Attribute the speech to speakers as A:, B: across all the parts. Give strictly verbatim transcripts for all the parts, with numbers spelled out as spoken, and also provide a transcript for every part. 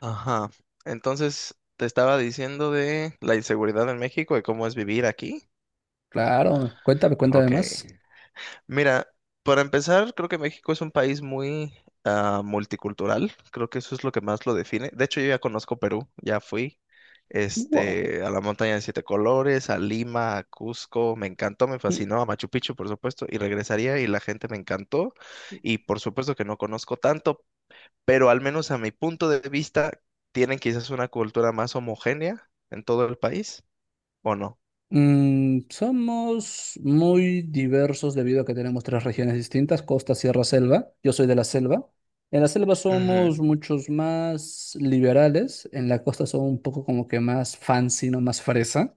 A: Ajá. Entonces, te estaba diciendo de la inseguridad en México y cómo es vivir aquí.
B: Claro, cuéntame, cuéntame
A: Ok.
B: más.
A: Mira, para empezar, creo que México es un país muy ah, multicultural. Creo que eso es lo que más lo define. De hecho, yo ya conozco Perú, ya fui.
B: Wow.
A: Este, a la montaña de siete colores, a Lima, a Cusco, me encantó, me fascinó, a Machu Picchu, por supuesto, y regresaría y la gente me encantó, y por supuesto que no conozco tanto, pero al menos a mi punto de vista, tienen quizás una cultura más homogénea en todo el país, ¿o no?
B: Mm, somos muy diversos debido a que tenemos tres regiones distintas, costa, sierra, selva. Yo soy de la selva. En la selva
A: Ujú,
B: somos muchos más liberales, en la costa son un poco como que más fancy, no más fresa.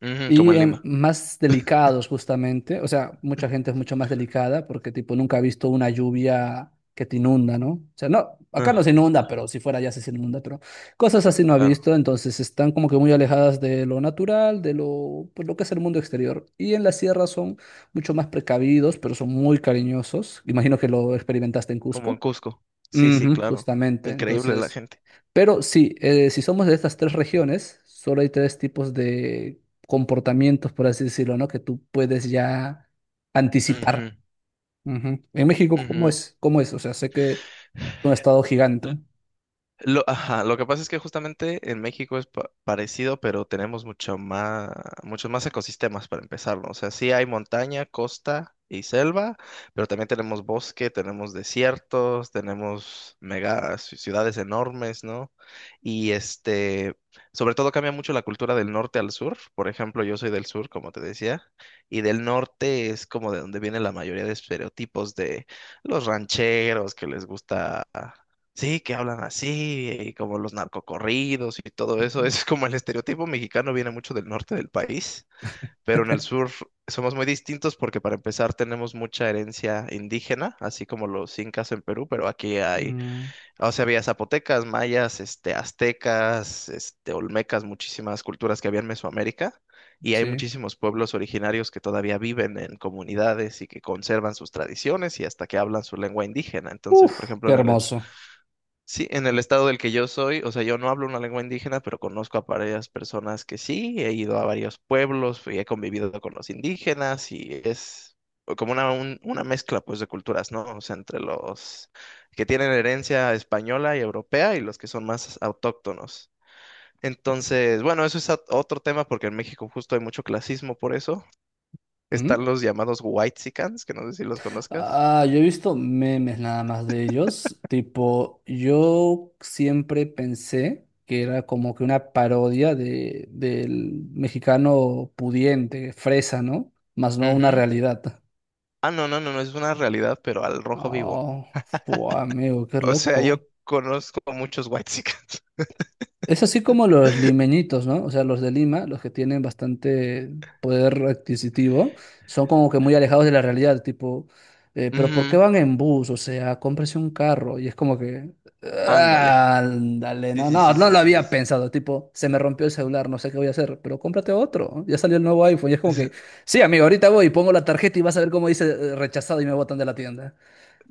A: ujú, como
B: Y
A: en
B: en
A: Lima.
B: más delicados justamente, o sea, mucha gente es mucho más delicada porque tipo nunca ha visto una lluvia que te inunda, ¿no? O sea, no, acá no se
A: Ah,
B: inunda,
A: ah,
B: pero si fuera ya sí se inunda, pero cosas así no ha
A: claro,
B: visto, entonces están como que muy alejadas de lo natural, de lo, pues, lo que es el mundo exterior. Y en la sierra son mucho más precavidos, pero son muy cariñosos. Imagino que lo experimentaste en
A: como en
B: Cusco.
A: Cusco. Sí, sí,
B: Ujú,
A: claro.
B: justamente,
A: Increíble la
B: entonces...
A: gente.
B: Pero sí, eh, si somos de estas tres regiones, solo hay tres tipos de comportamientos, por así decirlo, ¿no? Que tú puedes ya
A: Ujú,
B: anticipar. Ujú. En México, ¿cómo
A: ujú.
B: es? ¿Cómo es? O sea, sé que es un estado gigante.
A: Lo, ajá, lo que pasa es que justamente en México es pa- parecido, pero tenemos mucho más, muchos más ecosistemas para empezar, ¿no? O sea, sí hay montaña, costa y selva, pero también tenemos bosque, tenemos desiertos, tenemos mega ci- ciudades enormes, ¿no? Y este, sobre todo cambia mucho la cultura del norte al sur. Por ejemplo, yo soy del sur, como te decía, y del norte es como de donde viene la mayoría de estereotipos de los rancheros que les gusta. Sí, que hablan así, y como los narcocorridos y todo
B: Ujú.
A: eso. Es como el estereotipo mexicano viene mucho del norte del país, pero en el sur somos muy distintos porque para empezar tenemos mucha herencia indígena, así como los incas en Perú, pero aquí hay,
B: Mm,
A: o sea, había zapotecas, mayas, este, aztecas, este, olmecas, muchísimas culturas que había en Mesoamérica. Y hay
B: sí.
A: muchísimos pueblos originarios que todavía viven en comunidades y que conservan sus tradiciones y hasta que hablan su lengua indígena. Entonces, por
B: Uf,
A: ejemplo,
B: qué
A: en el
B: hermoso.
A: Sí, en el estado del que yo soy, o sea, yo no hablo una lengua indígena, pero conozco a varias personas que sí, he ido a varios pueblos y he convivido con los indígenas y es como una, un- una mezcla pues de culturas, ¿no? O sea, entre los que tienen herencia española y europea y los que son más autóctonos. Entonces, bueno, eso es ot- otro tema porque en México justo hay mucho clasismo por eso.
B: Ujú.
A: Están los llamados whitexicans, que no sé si los conozcas.
B: Ah, yo he visto memes nada más de ellos. Tipo, yo siempre pensé que era como que una parodia de, del mexicano pudiente, fresa, ¿no? Más no una
A: Ujú.
B: realidad.
A: Ah, no, no, no, no, es una realidad, pero al rojo vivo.
B: Oh, fua, amigo, qué
A: O sea,
B: loco.
A: yo conozco a muchos whitexicans.
B: Es así como los limeñitos, ¿no? O sea, los de Lima, los que tienen bastante poder adquisitivo, son como que muy alejados de la realidad, tipo, eh, pero ¿por qué
A: Ujú,
B: van en bus? O sea, cómprese un carro. Y es como que,
A: ándale.
B: "Ah, ándale,
A: Sí,
B: no,
A: sí,
B: no,
A: sí,
B: no
A: sí,
B: lo
A: sí, sí.
B: había
A: Sí.
B: pensado, tipo, se me rompió el celular, no sé qué voy a hacer, pero cómprate otro. ¿No? Ya salió el nuevo iPhone". Y es como que,
A: Es-
B: sí, amigo, ahorita voy y pongo la tarjeta y vas a ver cómo dice, eh, rechazado, y me botan de la tienda.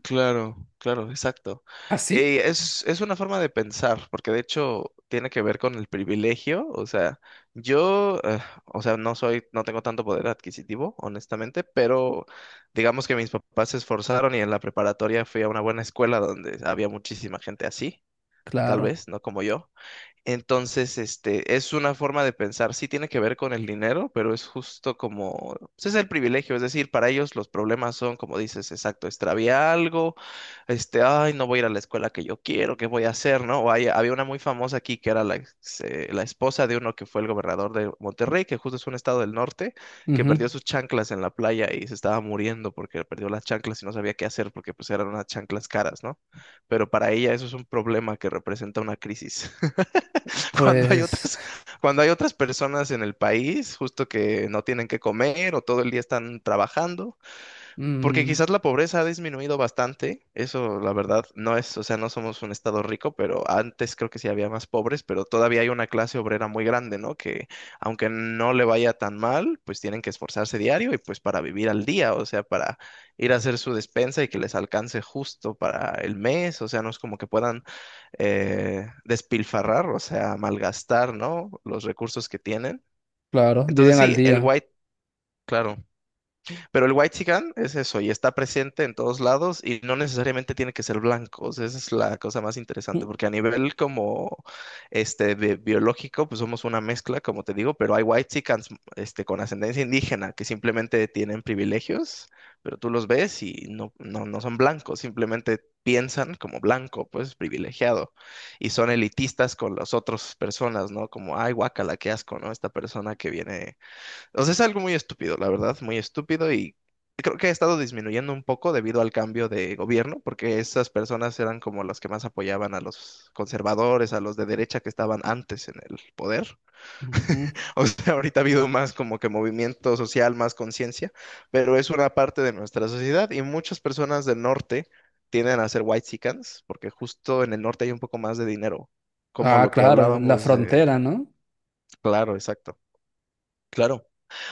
A: Claro, claro, exacto.
B: ¿Ah, sí?
A: Eh, es, es una forma de pensar, porque de hecho tiene que ver con el privilegio. O sea, yo, eh, o sea, no soy, no tengo tanto poder adquisitivo, honestamente, pero digamos que mis papás se esforzaron y en la preparatoria fui a una buena escuela donde había muchísima gente así, tal
B: Claro.
A: vez, no como yo. Entonces, este, es una forma de pensar, sí tiene que ver con el dinero, pero es justo como, ese es el privilegio, es decir, para ellos los problemas son, como dices, exacto, extravié algo, este, ay, no voy a ir a la escuela que yo quiero, ¿qué voy a hacer, no? O hay- había una muy famosa aquí que era la, ex- eh, la esposa de uno que fue el gobernador de Monterrey, que justo es un estado del norte, que
B: Ujú.
A: perdió sus chanclas en la playa y se estaba muriendo porque perdió las chanclas y no sabía qué hacer porque pues eran unas chanclas caras, ¿no? Pero para ella eso es un problema que representa una crisis. Cuando hay
B: Pues,
A: otras, cuando hay otras personas en el país, justo que no tienen que comer o todo el día están trabajando, porque
B: mm,
A: quizás la pobreza ha disminuido bastante, eso la verdad no es, o sea, no somos un estado rico, pero antes creo que sí había más pobres, pero todavía hay una clase obrera muy grande, ¿no? Que aunque no le vaya tan mal, pues tienen que esforzarse diario y pues para vivir al día, o sea, para ir a hacer su despensa y que les alcance justo para el mes, o sea, no es como que puedan eh, despilfarrar, o sea, malgastar, ¿no? Los recursos que tienen.
B: claro,
A: Entonces
B: viven al
A: sí, el
B: día.
A: white, claro. Pero el whitexican es eso, y está presente en todos lados, y no necesariamente tiene que ser blanco. O sea, esa es la cosa más interesante,
B: Ujú.
A: porque a nivel como este bi- biológico, pues somos una mezcla, como te digo, pero hay whitexicans este, con ascendencia indígena que simplemente tienen privilegios, pero tú los ves y no, no, no son blancos, simplemente piensan como blanco, pues privilegiado, y son elitistas con las otras personas, ¿no? Como, ay, guácala, qué asco, ¿no? Esta persona que viene o sea, es algo muy estúpido, la verdad, muy estúpido y creo que ha estado disminuyendo un poco debido al cambio de gobierno, porque esas personas eran como las que más apoyaban a los conservadores, a los de derecha que estaban antes en el poder. O sea, ahorita ha habido más como que movimiento social, más conciencia, pero es una parte de nuestra sociedad y muchas personas del norte tienden a ser whitexicans porque justo en el norte hay un poco más de dinero, como
B: Ah,
A: lo que
B: claro, la
A: hablábamos de...
B: frontera, ¿no?
A: Claro, exacto. Claro,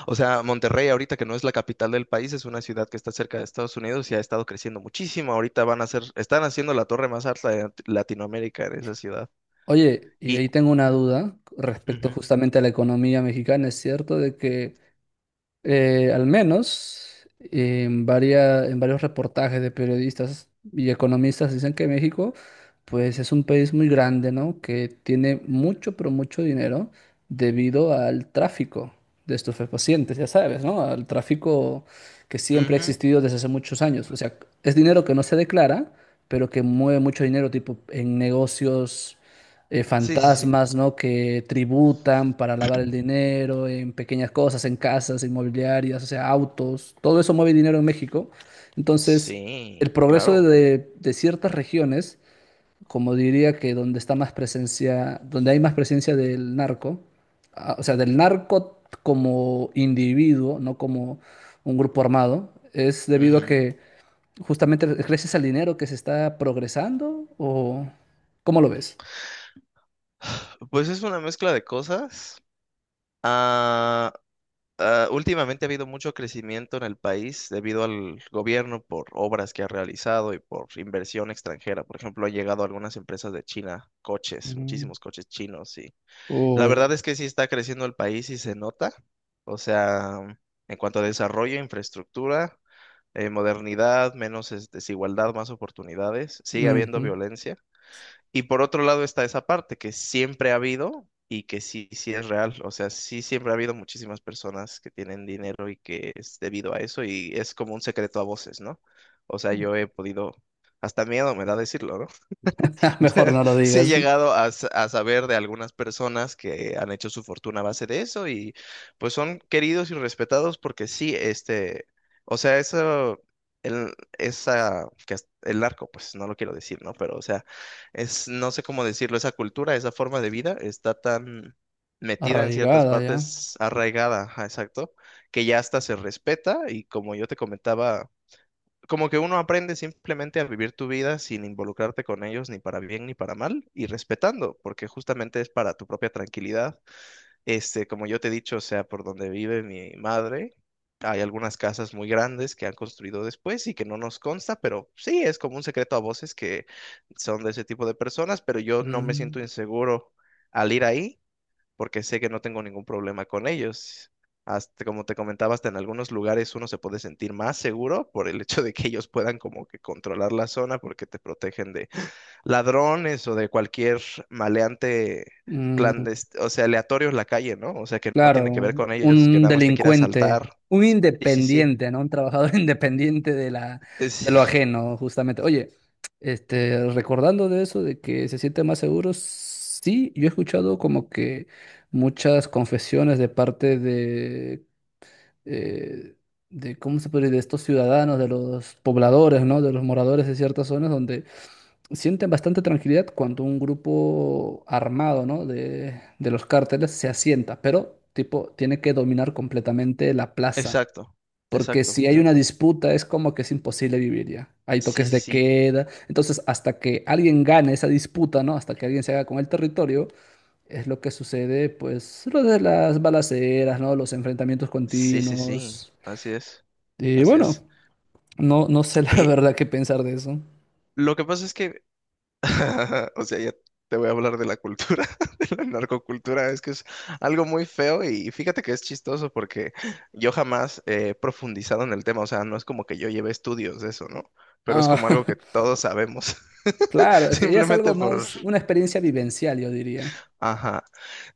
A: o sea, Monterrey ahorita que no es la capital del país, es una ciudad que está cerca de Estados Unidos y ha estado creciendo muchísimo. Ahorita van a hacer, están haciendo la torre más alta de Lat- Latinoamérica en esa ciudad.
B: Oye, y ahí
A: Y,
B: tengo una duda respecto
A: ujú,
B: justamente a la economía mexicana. ¿Es cierto de que eh, al menos en varia- en varios reportajes de periodistas y economistas dicen que México, pues, es un país muy grande, ¿no? Que tiene mucho, pero mucho dinero debido al tráfico de estupefacientes, ya sabes, ¿no? Al tráfico que siempre ha
A: ujú,
B: existido desde hace muchos años. O sea, es dinero que no se declara, pero que mueve mucho dinero, tipo en negocios eh,
A: sí, sí, sí.
B: fantasmas, ¿no? Que tributan para lavar el dinero en pequeñas cosas, en casas, inmobiliarias, o sea, autos, todo eso mueve dinero en México. Entonces, el
A: Sí,
B: progreso
A: claro.
B: de, de ciertas regiones, como diría que donde está más presencia, donde hay más presencia del narco, ah, o sea, del narco como individuo, no como un grupo armado, es debido a
A: Ujú.
B: que justamente gracias al dinero que se está progresando, o ¿cómo lo ves?
A: Pues es una mezcla de cosas. Ah, ah, últimamente ha habido mucho crecimiento en el país debido al gobierno por obras que ha realizado y por inversión extranjera. Por ejemplo, han llegado algunas empresas de China, coches, muchísimos coches chinos y la verdad
B: Uy,
A: es que sí está creciendo el país y se nota. O sea, en cuanto a desarrollo, infraestructura, eh, modernidad, menos es- desigualdad, más oportunidades, sigue habiendo
B: ujú.
A: violencia. Y por otro lado está esa parte que siempre ha habido y que sí, sí es real. O sea, sí siempre ha habido muchísimas personas que tienen dinero y que es debido a eso y es como un secreto a voces, ¿no? O sea, yo he podido, hasta miedo me da decirlo, o
B: Mejor
A: sea,
B: no lo
A: sí he
B: digas.
A: llegado a, sa- a saber de algunas personas que han hecho su fortuna a base de eso y pues son queridos y respetados porque sí, este, o sea, eso, el, esa, que es- el narco, pues no lo quiero decir, ¿no? Pero, o sea, es, no sé cómo decirlo, esa cultura, esa forma de vida está tan metida en ciertas
B: Arraigada ya.
A: partes, arraigada, ajá, exacto, que ya hasta se respeta y como yo te comentaba como que uno aprende simplemente a vivir tu vida sin involucrarte con ellos ni para bien ni para mal y respetando, porque justamente es para tu propia tranquilidad. Este, como yo te he dicho, o sea, por donde vive mi madre, hay algunas casas muy grandes que han construido después y que no nos consta, pero sí, es como un secreto a voces que son de ese tipo de personas, pero yo no me
B: Mm,
A: siento inseguro al ir ahí porque sé que no tengo ningún problema con ellos. Hasta, como te comentaba, hasta en algunos lugares uno se puede sentir más seguro por el hecho de que ellos puedan como que controlar la zona porque te protegen de ladrones o de cualquier maleante
B: mm,
A: clandestino, o sea, aleatorio en la calle, ¿no? O sea, que no
B: claro,
A: tiene que ver con ellos, que
B: un
A: nada más te quiere
B: delincuente,
A: asaltar.
B: un
A: Sí, sí, sí.
B: independiente, ¿no? Un trabajador independiente de la, de lo
A: Es-
B: ajeno, justamente. Oye, este, recordando de eso, de que se siente más seguro, sí, yo he escuchado como que muchas confesiones de parte de, eh, de ¿cómo se puede decir? De estos ciudadanos, de los pobladores, ¿no? De los moradores de ciertas zonas donde sienten bastante tranquilidad cuando un grupo armado, ¿no? de, de los cárteles se asienta, pero tipo tiene que dominar completamente la plaza,
A: exacto,
B: porque
A: exacto,
B: si hay una
A: exacto.
B: disputa es como que es imposible vivir ya. Hay
A: Sí,
B: toques
A: sí,
B: de
A: sí.
B: queda, entonces hasta que alguien gane esa disputa, ¿no? Hasta que alguien se haga con el territorio, es lo que sucede, pues, lo de las balaceras, ¿no? Los enfrentamientos
A: Sí, sí, sí.
B: continuos.
A: Así es,
B: Y
A: así
B: bueno,
A: es.
B: no, no sé la
A: Y
B: verdad qué pensar de eso.
A: lo que pasa es que o sea, ya te voy a hablar de la cultura, de la narcocultura. Es que es algo muy feo y fíjate que es chistoso porque yo jamás he profundizado en el tema. O sea, no es como que yo lleve estudios de eso, ¿no? Pero es
B: Ah,
A: como algo que todos sabemos.
B: claro, es que ya es
A: Simplemente
B: algo
A: por...
B: más, una experiencia vivencial, yo diría.
A: Ajá.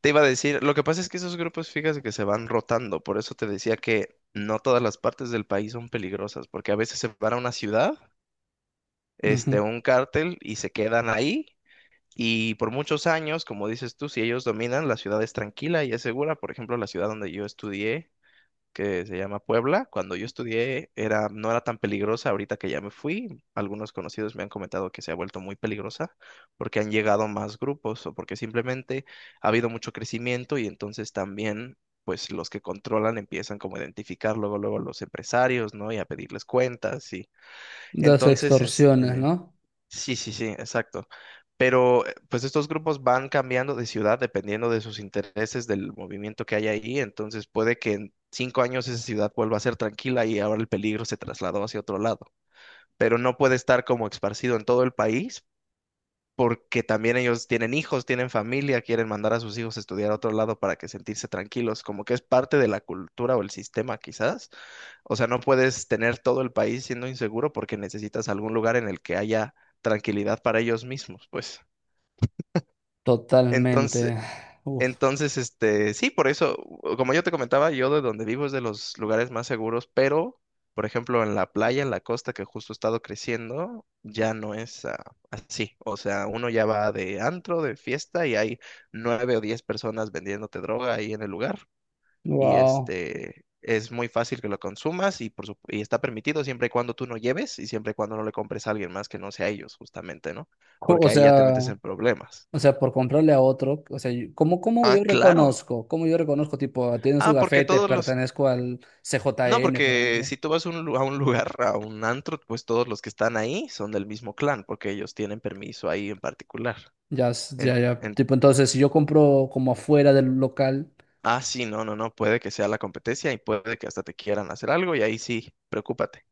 A: Te iba a decir, lo que pasa es que esos grupos, fíjate que se van rotando. Por eso te decía que no todas las partes del país son peligrosas, porque a veces se van a una ciudad,
B: Ujú.
A: este, un cártel y se quedan ahí y por muchos años, como dices tú, si ellos dominan, la ciudad es tranquila y es segura. Por ejemplo, la ciudad donde yo estudié, que se llama Puebla, cuando yo estudié era, no era tan peligrosa. Ahorita que ya me fui, algunos conocidos me han comentado que se ha vuelto muy peligrosa porque han llegado más grupos o porque simplemente ha habido mucho crecimiento y entonces también, pues los que controlan empiezan como a identificar luego, luego a los empresarios, ¿no? Y a pedirles cuentas y
B: Las
A: entonces,
B: extorsiones,
A: este,
B: ¿no?
A: sí, sí, sí, exacto. Pero eh, pues estos grupos van cambiando de ciudad dependiendo de sus intereses, del movimiento que hay ahí. Entonces puede que en cinco años esa ciudad vuelva a ser tranquila y ahora el peligro se trasladó hacia otro lado. Pero no puede estar como esparcido en todo el país porque también ellos tienen hijos, tienen familia, quieren mandar a sus hijos a estudiar a otro lado para que sentirse tranquilos, como que es parte de la cultura o el sistema quizás. O sea, no puedes tener todo el país siendo inseguro porque necesitas algún lugar en el que haya tranquilidad para ellos mismos, pues.
B: Totalmente. Uf,
A: Entonces, este, sí, por eso, como yo te comentaba, yo de donde vivo es de los lugares más seguros, pero, por ejemplo, en la playa, en la costa, que justo he estado creciendo, ya no es ah, así. O sea, uno ya va de antro, de fiesta, y hay nueve o diez personas vendiéndote droga ahí en el lugar. Y
B: wow.
A: este, es muy fácil que lo consumas y, por sup- y está permitido siempre y cuando tú no lleves y siempre y cuando no le compres a alguien más que no sea ellos, justamente, ¿no?
B: Co-
A: Porque
B: O
A: ahí ya te
B: sea,
A: metes en problemas.
B: o sea, por comprarle a otro, o sea, yo- ¿cómo, cómo
A: Ah,
B: yo
A: claro.
B: reconozco? ¿Cómo yo reconozco, tipo, tiene su
A: Ah, porque
B: gafete,
A: todos los...
B: pertenezco al
A: No,
B: C J N, por
A: porque
B: ejemplo?
A: si tú vas a un, lu- a un lugar, a un antro, pues todos los que están ahí son del mismo clan, porque ellos tienen permiso ahí en particular.
B: Ya, s- ya,
A: En,
B: ya.
A: en-
B: Tipo, entonces, si yo compro como afuera del local,
A: ah, sí, no, no, no, puede que sea la competencia y puede que hasta te quieran hacer algo y ahí sí, preocúpate.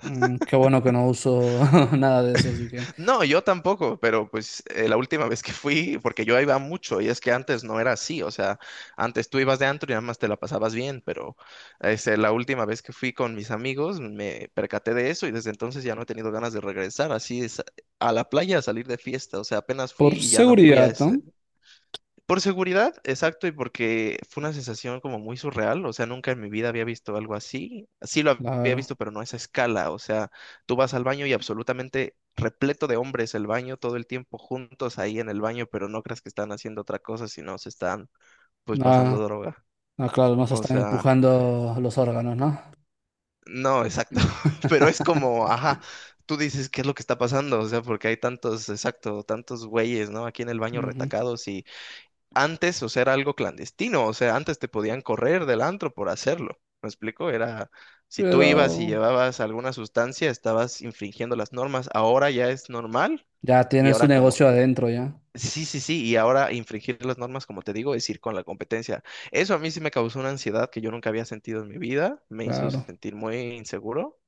B: mm, qué bueno que no uso nada de eso, así que.
A: No, yo tampoco, pero pues eh, la última vez que fui, porque yo iba mucho, y es que antes no era así, o sea, antes tú ibas de antro y nada más te la pasabas bien, pero este, la última vez que fui con mis amigos me percaté de eso y desde entonces ya no he tenido ganas de regresar así es, a la playa a salir de fiesta, o sea, apenas fui
B: Por
A: y ya no fui a
B: seguridad, ¿no?
A: ese, por seguridad, exacto, y porque fue una sensación como muy surreal, o sea, nunca en mi vida había visto algo así. Sí lo había
B: Claro.
A: visto, pero no a esa escala, o sea, tú vas al baño y absolutamente repleto de hombres el baño todo el tiempo juntos ahí en el baño, pero no creas que están haciendo otra cosa, sino se están pues pasando
B: Nada.
A: droga.
B: Ah, claro, no se
A: O
B: están
A: sea,
B: empujando los órganos, ¿no?
A: no, exacto, pero es como, ajá, tú dices, ¿qué es lo que está pasando? O sea, porque hay tantos, exacto, tantos güeyes, ¿no? Aquí en el baño
B: Ujú.
A: retacados antes, o sea, era algo clandestino, o sea, antes te podían correr del antro por hacerlo, ¿me explico? Era, si tú ibas y
B: Pero
A: llevabas alguna sustancia, estabas infringiendo las normas, ahora ya es normal
B: ya
A: y
B: tienen su
A: ahora como,
B: negocio adentro, ya.
A: sí, sí, sí, y ahora infringir las normas, como te digo, es ir con la competencia. Eso a mí sí me causó una ansiedad que yo nunca había sentido en mi vida, me hizo
B: Claro.
A: sentir muy inseguro.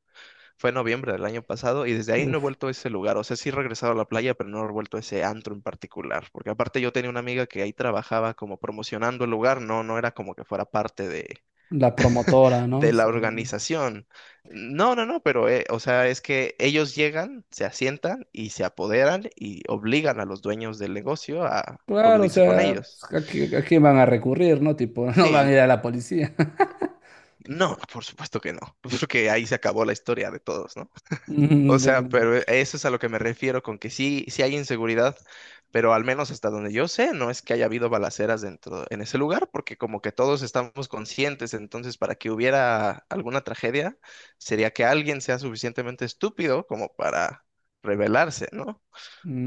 A: Fue en noviembre del año pasado y desde ahí no he
B: Uf.
A: vuelto a ese lugar. O sea, sí he regresado a la playa, pero no he vuelto a ese antro en particular. Porque aparte yo tenía una amiga que ahí trabajaba como promocionando el lugar, no, no era como que fuera parte de,
B: La promotora, ¿no?
A: de la
B: Sí.
A: organización. No, no, no, pero eh, o sea, es que ellos llegan, se asientan y se apoderan y obligan a los dueños del negocio a
B: Claro, o
A: coludirse con
B: sea,
A: ellos.
B: pues, ¿a qui- a quién van a recurrir, no? Tipo, no
A: Sí,
B: van a
A: n-
B: ir a la policía.
A: no, por supuesto que no. Porque ahí se acabó la historia de todos, ¿no? O
B: Mm,
A: sea,
B: pero...
A: pero e, eso es a lo que me refiero con que sí, sí hay inseguridad, pero al menos hasta donde yo sé, no es que haya habido balaceras dentro en ese lugar, porque como que todos estamos conscientes, entonces para que hubiera alguna tragedia, sería que alguien sea suficientemente estúpido como para rebelarse, ¿no?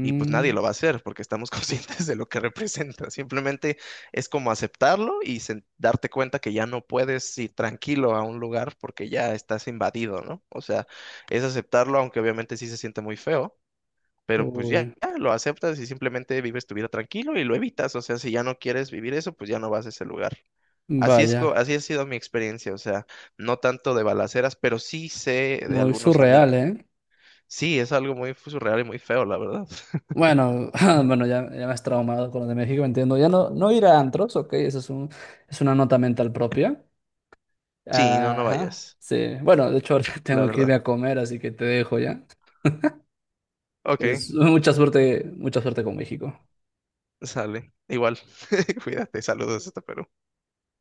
A: Y pues nadie lo va a hacer porque estamos conscientes de lo que representa. Simplemente es como aceptarlo y sen- darte cuenta que ya no puedes ir tranquilo a un lugar porque ya estás invadido, ¿no? O sea, es aceptarlo, aunque obviamente sí se siente muy feo, pero pues
B: uy,
A: ya, ya lo aceptas y simplemente vives tu vida tranquilo y lo evitas. O sea, si ya no quieres vivir eso, pues ya no vas a ese lugar. Así es, co-
B: vaya,
A: así ha sido mi experiencia, o sea, no tanto de balaceras, pero sí sé de
B: muy
A: algunos
B: surreal,
A: amigos.
B: ¿eh?
A: Sí, es algo muy surreal y muy feo, la verdad.
B: Bueno, bueno, ya, ya me has traumado con lo de México, entiendo. Ya no, no ir a antros, ok, eso es un, es una nota mental propia.
A: Sí, no, no
B: Ajá,
A: vayas.
B: sí. Bueno, de hecho, ahorita
A: La
B: tengo que
A: verdad.
B: irme a comer, así que te dejo ya.
A: Ok,
B: Es, mucha suerte, mucha suerte con México.
A: sale. Igual, cuídate, saludos hasta Perú.